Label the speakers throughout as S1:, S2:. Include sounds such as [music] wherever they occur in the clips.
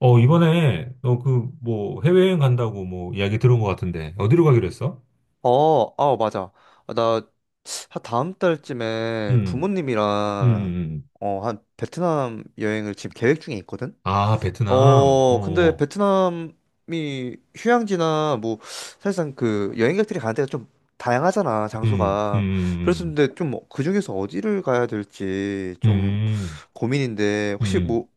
S1: 이번에 너 그 뭐 해외여행 간다고 뭐 이야기 들은 것 같은데 어디로 가기로 했어?
S2: 어, 아, 맞아. 아, 나 다음 달쯤에
S1: 음,
S2: 부모님이랑
S1: 음.
S2: 어, 한 베트남 여행을 지금 계획 중에 있거든.
S1: 아, 베트남. 어,
S2: 어, 근데
S1: 어.
S2: 베트남이 휴양지나 뭐 사실상 그 여행객들이 가는 데가 좀 다양하잖아,
S1: 음,
S2: 장소가. 그래서
S1: 음,
S2: 근데 좀 그 중에서 어디를 가야 될지 좀
S1: 음,
S2: 고민인데
S1: 음,
S2: 혹시
S1: 음.
S2: 뭐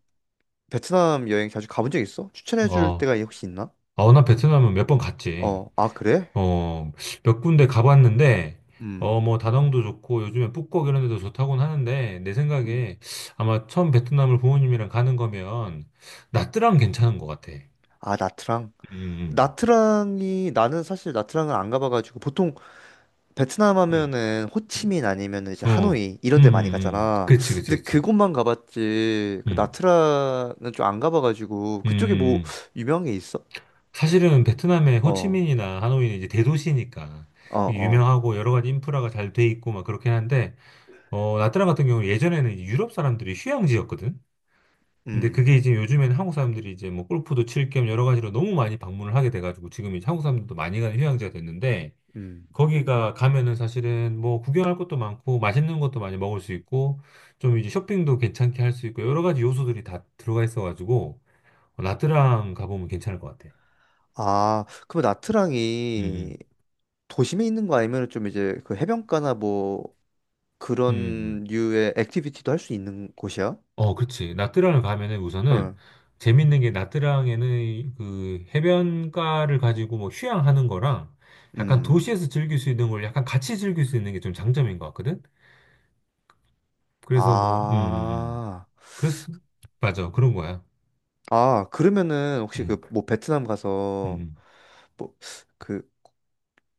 S2: 베트남 여행 자주 가본 적 있어? 추천해 줄
S1: 어,
S2: 데가 혹시 있나?
S1: 나 베트남은 몇 번 갔지.
S2: 어, 아, 그래?
S1: 어, 몇 군데 가봤는데
S2: 음.
S1: 뭐 다낭도 좋고 요즘에 푸꾸옥 이런 데도 좋다고는 하는데 내
S2: 음.
S1: 생각에 아마 처음 베트남을 부모님이랑 가는 거면 나트랑 괜찮은 것 같아.
S2: 아, 나트랑.
S1: 음,
S2: 나트랑이 나는 사실 나트랑은 안 가봐가지고 보통 베트남
S1: 음,
S2: 하면은
S1: 음.
S2: 호치민 아니면은 이제
S1: 음. 어,
S2: 하노이
S1: 음,
S2: 이런 데 많이
S1: 음,
S2: 가잖아.
S1: 그치, 그치,
S2: 근데
S1: 그치.
S2: 그곳만 가봤지 그
S1: 음,
S2: 나트랑은 좀 안 가봐가지고 그쪽에 뭐
S1: 음. 음.
S2: 유명한 게 있어?
S1: 사실은 베트남의
S2: 어,
S1: 호치민이나 하노이는 이제 대도시니까
S2: 어,
S1: 이게
S2: 어,
S1: 유명하고 여러 가지 인프라가 잘 돼 있고 막 그렇긴 한데, 나트랑 같은 경우는 예전에는 이제 유럽 사람들이 휴양지였거든? 근데
S2: 음,
S1: 그게 이제 요즘에는 한국 사람들이 이제 뭐 골프도 칠 겸 여러 가지로 너무 많이 방문을 하게 돼가지고 지금 이제 한국 사람들도 많이 가는 휴양지가 됐는데,
S2: 음.
S1: 거기가 가면은 사실은 뭐 구경할 것도 많고 맛있는 것도 많이 먹을 수 있고 좀 이제 쇼핑도 괜찮게 할 수 있고 여러 가지 요소들이 다 들어가 있어가지고 나트랑 가보면 괜찮을 것 같아.
S2: 아, 그럼
S1: 음,
S2: 나트랑이
S1: 음,
S2: 도심에 있는 거 아니면 좀 이제 그 해변가나 뭐
S1: 음,
S2: 그런
S1: 음.
S2: 류의 액티비티도 할 수 있는 곳이야?
S1: 어, 그렇지. 나트랑을 가면은 우선은
S2: 응,
S1: 재밌는 게 나트랑에는 그 해변가를 가지고 뭐 휴양하는 거랑 약간
S2: 음.
S1: 도시에서 즐길 수 있는 걸 약간 같이 즐길 수 있는 게 좀 장점인 것 같거든. 그래서 뭐, 음.
S2: 아.
S1: 그래서 맞아 그런 거야.
S2: 아, 그러면은 혹시 그
S1: 음,
S2: 뭐 베트남 가서
S1: 음,
S2: 뭐 그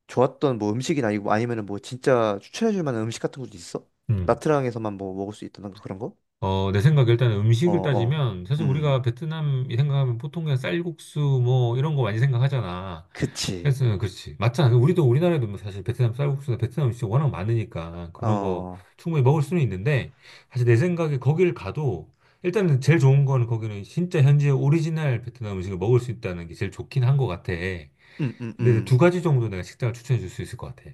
S2: 좋았던 뭐 음식이나 이거 아니면은 뭐 진짜 추천해 줄 만한 음식 같은 것도 있어?
S1: 음.
S2: 나트랑에서만 뭐 먹을 수 있다던가 그런 거?
S1: 어, 내 생각에 일단
S2: 어,
S1: 음식을
S2: 어.
S1: 따지면 사실 우리가
S2: 음.
S1: 베트남 생각하면 보통 그냥 쌀국수 뭐 이런 거 많이 생각하잖아.
S2: 그치.
S1: 그래서 그렇지. 맞잖아. 그 우리도 우리나라에도 뭐 사실 베트남 쌀국수나 베트남 음식 워낙 많으니까 그런 거
S2: 어.
S1: 충분히 먹을 수는 있는데 사실 내 생각에 거길 가도 일단은 제일 좋은 거는 거기는 진짜 현지의 오리지널 베트남 음식을 먹을 수 있다는 게 제일 좋긴 한 것 같아.
S2: 음, 음,
S1: 근데 두
S2: 음.
S1: 가지 정도 내가 식당을 추천해 줄 수 있을 것 같아.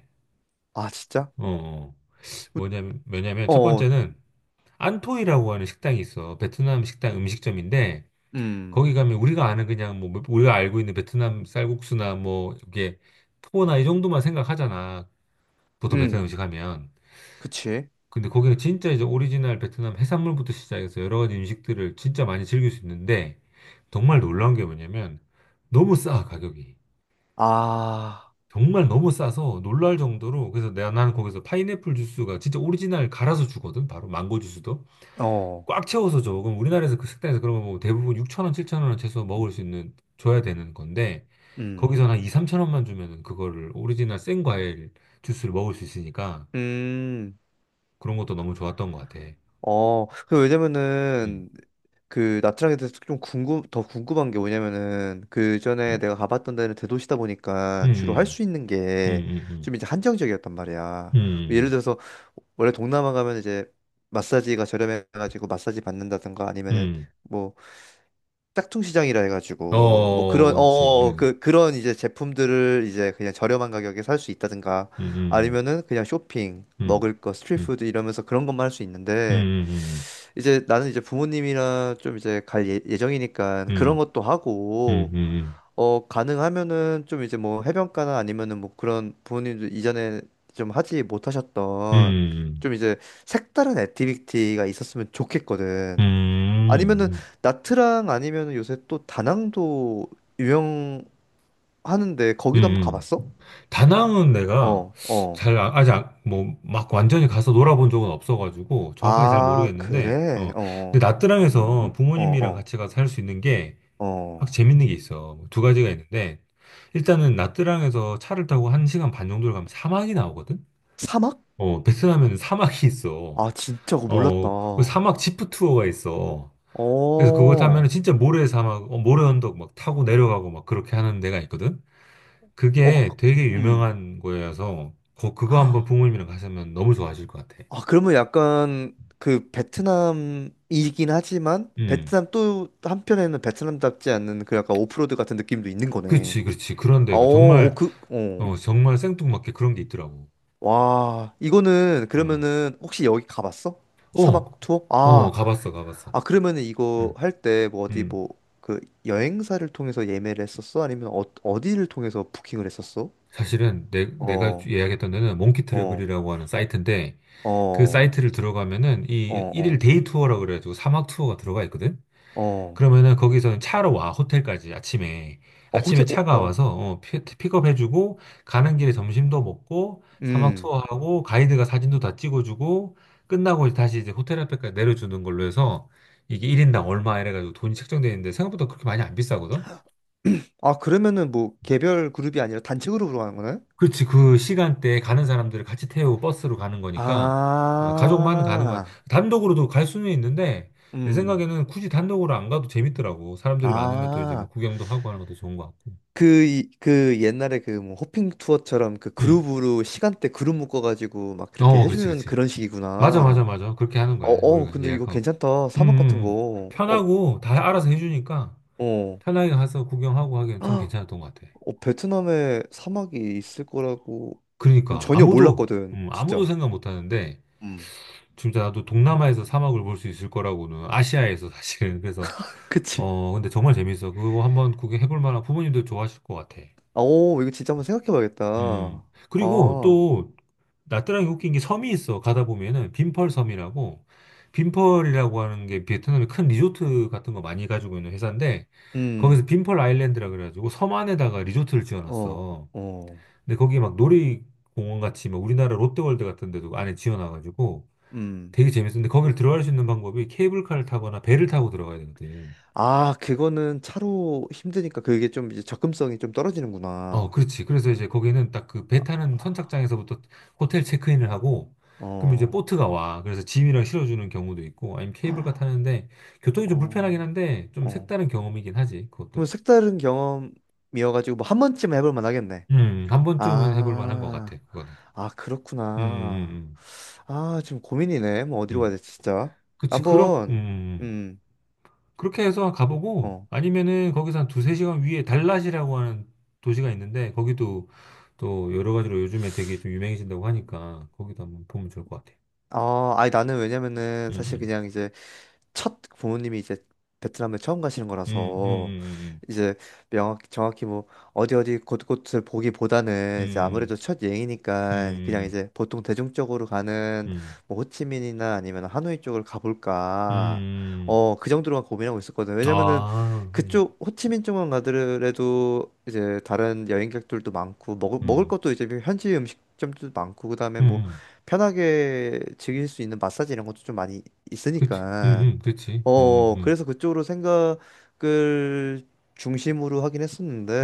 S2: 아, 진짜?
S1: 어, 어.
S2: 우-
S1: 뭐냐면, 왜냐면 첫
S2: 어,
S1: 번째는 안토이라고 하는 식당이 있어. 베트남 식당 음식점인데
S2: 음.
S1: 거기 가면 우리가 아는 그냥 뭐 우리가 알고 있는 베트남 쌀국수나 뭐 이게 포나 이 정도만 생각하잖아. 보통
S2: 음.
S1: 베트남 음식 하면.
S2: 그치.
S1: 근데 거기는 진짜 이제 오리지널 베트남 해산물부터 시작해서 여러 가지 음식들을 진짜 많이 즐길 수 있는데 정말 놀라운 게 뭐냐면 너무 싸 가격이.
S2: 아.
S1: 정말 너무 싸서 놀랄 정도로 그래서 내가 나는 거기서 파인애플 주스가 진짜 오리지널 갈아서 주거든. 바로 망고 주스도.
S2: 어.
S1: 꽉 채워서 줘. 그럼 우리나라에서 그 식당에서 그러면 뭐 대부분 6천 원, 7천 원 최소 먹을 수 있는 줘야 되는 건데
S2: 음.
S1: 거기서 한 2, 3천 원만 주면은 그거를 오리지널 생 과일 주스를 먹을 수 있으니까
S2: 음.
S1: 그런 것도 너무 좋았던 것 같아.
S2: 어, 그
S1: 음.
S2: 왜냐면은 그 나트랑에 대해서 좀 궁금 더 궁금한 게 뭐냐면은 그 전에
S1: 음.
S2: 내가 가봤던 데는 대도시다 보니까 주로 할
S1: 음.
S2: 수 있는
S1: 음.
S2: 게
S1: 음. 음.
S2: 좀 이제 한정적이었단 말이야. 뭐 예를
S1: 음.
S2: 들어서 원래 동남아 가면 이제 마사지가 저렴해가지고 마사지 받는다든가
S1: 음. 음.
S2: 아니면은
S1: 음.
S2: 뭐 짝퉁시장이라 해가지고 뭐
S1: 어,
S2: 그런
S1: 뭐지? 음.
S2: 그 그런 이제 제품들을 이제 그냥 저렴한 가격에 살 수 있다든가
S1: 음. 음.
S2: 아니면은 그냥 쇼핑
S1: 음.
S2: 먹을 거 스트리트푸드 이러면서 그런 것만 할 수
S1: 음.
S2: 있는데
S1: 음. 음.
S2: 이제 나는 이제 부모님이랑 좀 이제 갈 예정이니까 그런
S1: 음.
S2: 것도
S1: 음.
S2: 하고
S1: 음.
S2: 어 가능하면은 좀 이제 뭐 해변가나 아니면은 뭐 그런 부모님들 이전에 좀 하지 못하셨던
S1: 음. 음.
S2: 좀 이제 색다른 액티비티가 있었으면 좋겠거든.
S1: 음.
S2: 아니면은
S1: 음.
S2: 나트랑 아니면은 요새 또 다낭도 유명하는데 거기도 한번
S1: 음. 음.
S2: 가봤어?
S1: 다낭은 내가
S2: 어, 어.
S1: 잘 아직 뭐 막 완전히 가서 놀아본 적은 없어가지고 정확하게 잘
S2: 아,
S1: 모르겠는데
S2: 그래?
S1: 근데
S2: 어,
S1: 나트랑에서
S2: 어,
S1: 부모님이랑
S2: 어,
S1: 같이 가서 할 수 있는 게
S2: 어.
S1: 확
S2: 어.
S1: 재밌는 게 있어 뭐 두 가지가 있는데 일단은 나트랑에서 차를 타고 한 시간 반 정도를 가면 사막이 나오거든
S2: 사막?
S1: 베트남에는 사막이 있어
S2: 아, 진짜 그거 몰랐다.
S1: 어그 사막 지프 투어가 있어
S2: 어,
S1: 그래서 그거 타면은
S2: 어,
S1: 진짜 모래 사막 모래 언덕 막 타고 내려가고 막 그렇게 하는 데가 있거든
S2: 그-
S1: 그게 되게
S2: 음.
S1: 유명한 거여서 그거 한번
S2: 아,
S1: 부모님이랑 가시면 너무 좋아하실 것 같아.
S2: 그러면 약간 그 베트남이긴 하지만
S1: 음,
S2: 베트남 또 한편에는 베트남답지 않는 그 약간 오프로드 같은 느낌도 있는 거네.
S1: 그렇지, 그렇지. 그런
S2: 어,
S1: 데가
S2: 어,
S1: 정말
S2: 그, 어.
S1: 정말 생뚱맞게 그런 게 있더라고.
S2: 와, 이거는
S1: 어,
S2: 그러면은 혹시 여기 가봤어?
S1: 어,
S2: 사막 투어? 아,
S1: 가봤어, 가봤어.
S2: 아, 그러면은 이거
S1: 음,
S2: 할 때 뭐 어디
S1: 음.
S2: 뭐 그 여행사를 통해서 예매를 했었어? 아니면 어, 어디를 통해서 부킹을 했었어?
S1: 사실은 내가
S2: 어,
S1: 예약했던 데는 몽키
S2: 어,
S1: 트래블이라고 하는 사이트인데 그
S2: 어,
S1: 사이트를 들어가면은
S2: 어,
S1: 이 일일
S2: 어,
S1: 데이 투어라고 그래가지고 사막 투어가 들어가 있거든.
S2: 어.
S1: 그러면은 거기서 차로 와, 호텔까지 아침에.
S2: 어,
S1: 아침에
S2: 호세, 어,
S1: 차가
S2: 어.
S1: 와서 어, 픽업해주고, 가는 길에 점심도 먹고, 사막
S2: 음.
S1: 투어하고, 가이드가 사진도 다 찍어주고, 끝나고 이제 다시 이제 호텔 앞에까지 내려주는 걸로 해서 이게 1인당 얼마 이래가지고 돈이 책정돼 있는데 생각보다 그렇게 많이 안 비싸거든?
S2: 아, 그러면은 뭐 개별 그룹이 아니라 단체 그룹으로 하는 거나요?
S1: 그렇지, 그 시간대에 가는 사람들을 같이 태우고 버스로 가는 거니까, 가족만 가는 건,
S2: 아,
S1: 단독으로도 갈 수는 있는데, 내
S2: 음.
S1: 생각에는 굳이 단독으로 안 가도 재밌더라고. 사람들이 많으면 또 이제 뭐
S2: 아.
S1: 구경도 하고 하는 것도 좋은 것 같고.
S2: 그 옛날에 그 뭐 호핑 투어처럼 그
S1: 음.
S2: 그룹으로 시간대 그룹 묶어가지고 막 그렇게
S1: 어, 그렇지,
S2: 해주는
S1: 그렇지.
S2: 그런
S1: 맞아,
S2: 식이구나.
S1: 맞아, 맞아. 그렇게 하는
S2: 어,
S1: 거야.
S2: 어,
S1: 우리가
S2: 근데 이거
S1: 예약하고.
S2: 괜찮다.
S1: 음,
S2: 사막
S1: 음,
S2: 같은
S1: 음.
S2: 거. 어,
S1: 편하고 다 알아서 해주니까
S2: 어.
S1: 편하게 가서 구경하고
S2: [gasps]
S1: 하기엔 참
S2: 헉,
S1: 괜찮았던 것 같아.
S2: 어, 베트남에 사막이 있을 거라고는
S1: 그러니까
S2: 전혀
S1: 아무도
S2: 몰랐거든,
S1: 아무도
S2: 진짜.
S1: 생각 못 하는데
S2: 음.
S1: 진짜 나도 동남아에서 사막을 볼 수 있을 거라고는 아시아에서 사실은 [laughs] 그래서
S2: 그치.
S1: 근데 정말 재밌어. 그거 한번 구경해 볼 만한 부모님도 좋아하실 것 같아.
S2: 아, 오, 이거 진짜 한번 생각해
S1: 음.
S2: 봐야겠다.
S1: 그리고
S2: 아,
S1: 또 나트랑이 웃긴 게 섬이 있어. 가다 보면은 빈펄 섬이라고 빈펄이라고 하는 게 베트남의 큰 리조트 같은 거 많이 가지고 있는 회사인데 거기서
S2: 음,
S1: 빈펄 아일랜드라 그래가지고 섬 안에다가 리조트를
S2: 어,
S1: 지어놨어.
S2: 어,
S1: 근데 거기 막 놀이공원 같이 막 우리나라 롯데월드 같은 데도 안에 지어놔가지고
S2: 음.
S1: 되게 재밌었는데 거기를 들어갈 수 있는 방법이 케이블카를 타거나 배를 타고 들어가야 되거든.
S2: 아, 그거는 차로 힘드니까 그게 좀 이제 접근성이 좀
S1: 어,
S2: 떨어지는구나.
S1: 그렇지. 그래서 이제 거기는 딱 그 배 타는 선착장에서부터 호텔 체크인을 하고, 그럼 이제
S2: 어,
S1: 보트가 와. 그래서 짐이랑 실어주는 경우도 있고, 아니면 케이블카
S2: 헉,
S1: 타는데, 교통이 좀 불편하긴
S2: 어,
S1: 한데, 좀
S2: 어.
S1: 색다른 경험이긴 하지, 그것도.
S2: 그럼 색다른 경험이어가지고 뭐 한 번쯤 해볼 만하겠네.
S1: 한 번쯤은 해볼 만한 것
S2: 아,
S1: 같아, 그거는.
S2: 아,
S1: 음,
S2: 그렇구나.
S1: 음,
S2: 아, 지금 고민이네. 뭐
S1: 음.
S2: 어디로 가야
S1: 음.
S2: 돼, 진짜.
S1: 그치, 그렇,
S2: 한번,
S1: 음.
S2: 음,
S1: 그렇게 해서 가보고,
S2: 어.
S1: 아니면은 거기서 한 두세 시간 위에 달랏이라고 하는 도시가 있는데, 거기도 또 여러 가지로 요즘에 되게 좀 유명해진다고 하니까, 거기도 한번 보면 좋을 것 같아.
S2: 아, 아니 나는 왜냐면은
S1: 음,
S2: 사실
S1: 음.
S2: 그냥 이제 첫 부모님이 이제 베트남에 처음 가시는
S1: 음, 음,
S2: 거라서
S1: 음,
S2: 이제 명확 정확히 뭐 어디 어디 곳곳을 보기보다는 이제 아무래도
S1: 음,
S2: 첫 여행이니까 그냥
S1: 음,
S2: 이제 보통 대중적으로
S1: 음,
S2: 가는
S1: 음, 음,
S2: 뭐 호치민이나 아니면 하노이 쪽을 가볼까
S1: 음.
S2: 어 그 정도로만 고민하고 있었거든 왜냐면은
S1: 아,
S2: 그쪽 호치민 쪽만 가더라도 이제 다른 여행객들도 많고 먹을
S1: 음,
S2: 것도 이제 현지 음식점도 많고 그다음에
S1: 음,
S2: 뭐
S1: 음.
S2: 편하게 즐길 수 있는 마사지 이런 것도 좀 많이
S1: 그치,
S2: 있으니까
S1: 그치,
S2: 어, 그래서 그쪽으로 생각을 중심으로 하긴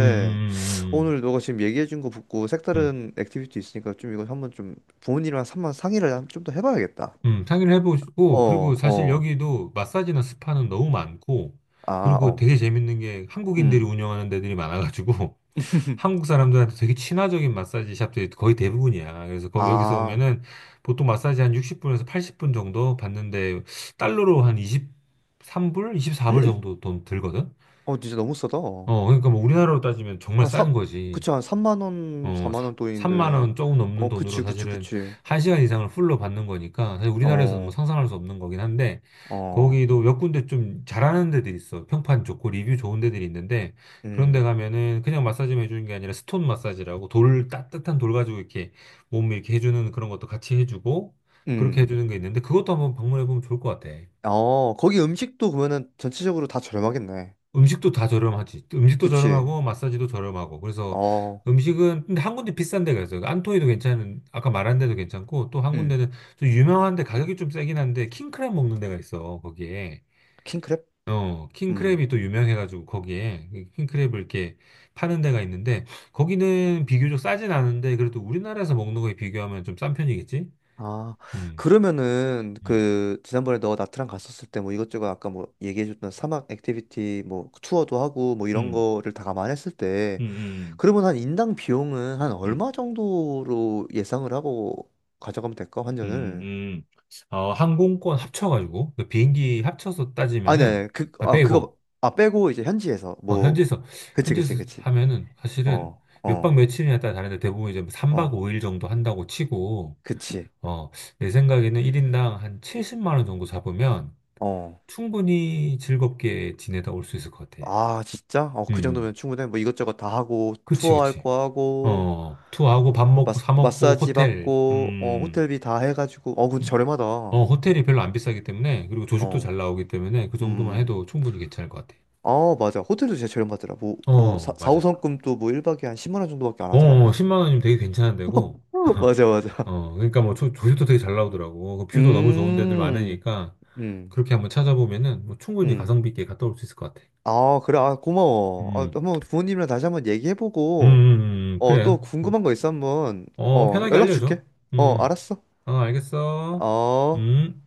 S1: 음, 음, 음,
S2: 오늘 너가 지금 얘기해준 거 듣고
S1: 음, 음.
S2: 색다른 액티비티 있으니까 좀 이거 한번 좀 부모님이랑 한번 상의를 좀 더 해봐야겠다.
S1: 상의를 해보시고,
S2: 어,
S1: 그리고 사실
S2: 어,
S1: 여기도 마사지나 스파는 너무 많고,
S2: 아,
S1: 그리고
S2: 어,
S1: 되게 재밌는 게 한국인들이
S2: 음.
S1: 운영하는 데들이 많아가지고, [laughs] 한국
S2: [laughs]
S1: 사람들한테 되게 친화적인 마사지 샵들이 거의 대부분이야. 그래서 거, 여기서
S2: 아,
S1: 오면은 보통 마사지 한 60분에서 80분 정도 받는데, 달러로 한 23불? 24불 정도 돈 들거든?
S2: 어, 진짜 너무 싸다.
S1: 어, 그러니까 뭐 우리나라로 따지면 정말
S2: 한
S1: 싼
S2: 사,
S1: 거지.
S2: 그치, 한 3만 원,
S1: 어,
S2: 4만 원
S1: 3만
S2: 돈인데.
S1: 원 조금 넘는
S2: 어,
S1: 돈으로
S2: 그치, 그치,
S1: 사실은
S2: 그치.
S1: 1시간 이상을 풀로 받는 거니까 사실 우리나라에서는 뭐
S2: 어,
S1: 상상할 수 없는 거긴 한데
S2: 어,
S1: 거기도 몇 군데 좀 잘하는 데들이 있어. 평판 좋고 리뷰 좋은 데들이 있는데 그런 데
S2: 음,
S1: 가면은 그냥 마사지만 해주는 게 아니라 스톤 마사지라고 돌 따뜻한 돌 가지고 이렇게 몸을 이렇게 해주는 그런 것도 같이 해주고 그렇게
S2: 음.
S1: 해주는 게 있는데 그것도 한번 방문해 보면 좋을 것 같아.
S2: 어, 거기 음식도 그러면은 전체적으로 다 저렴하겠네.
S1: 음식도 다 저렴하지. 음식도
S2: 그치.
S1: 저렴하고 마사지도 저렴하고. 그래서
S2: 어,
S1: 음식은 근데 한 군데 비싼 데가 있어요. 안토이도 괜찮은 아까 말한 데도 괜찮고 또 한
S2: 음.
S1: 군데는 좀 유명한데 가격이 좀 세긴 한데 킹크랩 먹는 데가 있어. 거기에.
S2: 킹크랩?
S1: 어,
S2: 음.
S1: 킹크랩이 또 유명해가지고 거기에 킹크랩을 이렇게 파는 데가 있는데 거기는 비교적 싸진 않은데 그래도 우리나라에서 먹는 거에 비교하면 좀 싼 편이겠지?
S2: 아,
S1: 음.
S2: 그러면은
S1: 음.
S2: 그 지난번에 너 나트랑 갔었을 때 뭐 이것저것 아까 뭐 얘기해줬던 사막 액티비티 뭐 투어도 하고 뭐 이런
S1: 음,
S2: 거를 다 감안했을 때
S1: 음, 음,
S2: 그러면 한 인당 비용은 한
S1: 음.
S2: 얼마 정도로 예상을 하고 가져가면 될까?
S1: 음,
S2: 환전을.
S1: 음. 항공권 합쳐가지고, 그 비행기 합쳐서
S2: 아니,
S1: 따지면은,
S2: 아니,
S1: 아, 빼고,
S2: 그거, 아, 빼고 이제 현지에서 뭐,
S1: 현지에서,
S2: 그치, 그치,
S1: 현지에서
S2: 그치.
S1: 하면은, 사실은
S2: 어,
S1: 몇박
S2: 어,
S1: 며칠이냐 따라 다른데 대부분 이제 3박
S2: 어,
S1: 5일 정도 한다고 치고,
S2: 그치.
S1: 어, 내 생각에는 1인당 한 70만 원 정도 잡으면
S2: 어.
S1: 충분히 즐겁게 지내다 올 수 있을 것 같아.
S2: 아, 진짜? 어,
S1: 음,
S2: 그
S1: 음.
S2: 정도면 충분해. 뭐 이것저것 다 하고,
S1: 그치,
S2: 투어 할
S1: 그치.
S2: 거 하고,
S1: 투어하고 밥 먹고, 사 먹고,
S2: 마사지
S1: 호텔,
S2: 받고, 어, 호텔비 다 해가지고, 어, 근데
S1: 음.
S2: 저렴하다. 어,
S1: 호텔이 별로 안 비싸기 때문에, 그리고 조식도
S2: 음,
S1: 잘 나오기 때문에, 그 정도만
S2: 음.
S1: 해도 충분히 괜찮을 것 같아.
S2: 아, 맞아. 호텔도 진짜 저렴하더라. 뭐,
S1: 어,
S2: 4,
S1: 맞아.
S2: 5성급도 뭐 1박에 한 10만 원 정도밖에 안
S1: 어,
S2: 하더라고.
S1: 10만 원이면 되게 괜찮은 데고,
S2: [laughs]
S1: [laughs]
S2: 맞아, 맞아.
S1: 어, 그러니까 뭐 조식도 되게 잘 나오더라고. 그 뷰도 너무 좋은 데들
S2: 음,
S1: 많으니까,
S2: 음,
S1: 그렇게 한번 찾아보면은, 뭐 충분히
S2: 음.
S1: 가성비 있게 갔다 올 수 있을 것 같아.
S2: 아, 그래. 아, 고마워. 아,
S1: 음,
S2: 한번 부모님이랑 다시 한번 얘기해보고, 어,
S1: 그래.
S2: 또
S1: 뭐,
S2: 궁금한 거 있어 한번,
S1: 어,
S2: 어,
S1: 편하게
S2: 연락
S1: 알려줘.
S2: 줄게. 어,
S1: 음,
S2: 알았어.
S1: 어, 알겠어.
S2: 어.
S1: 음.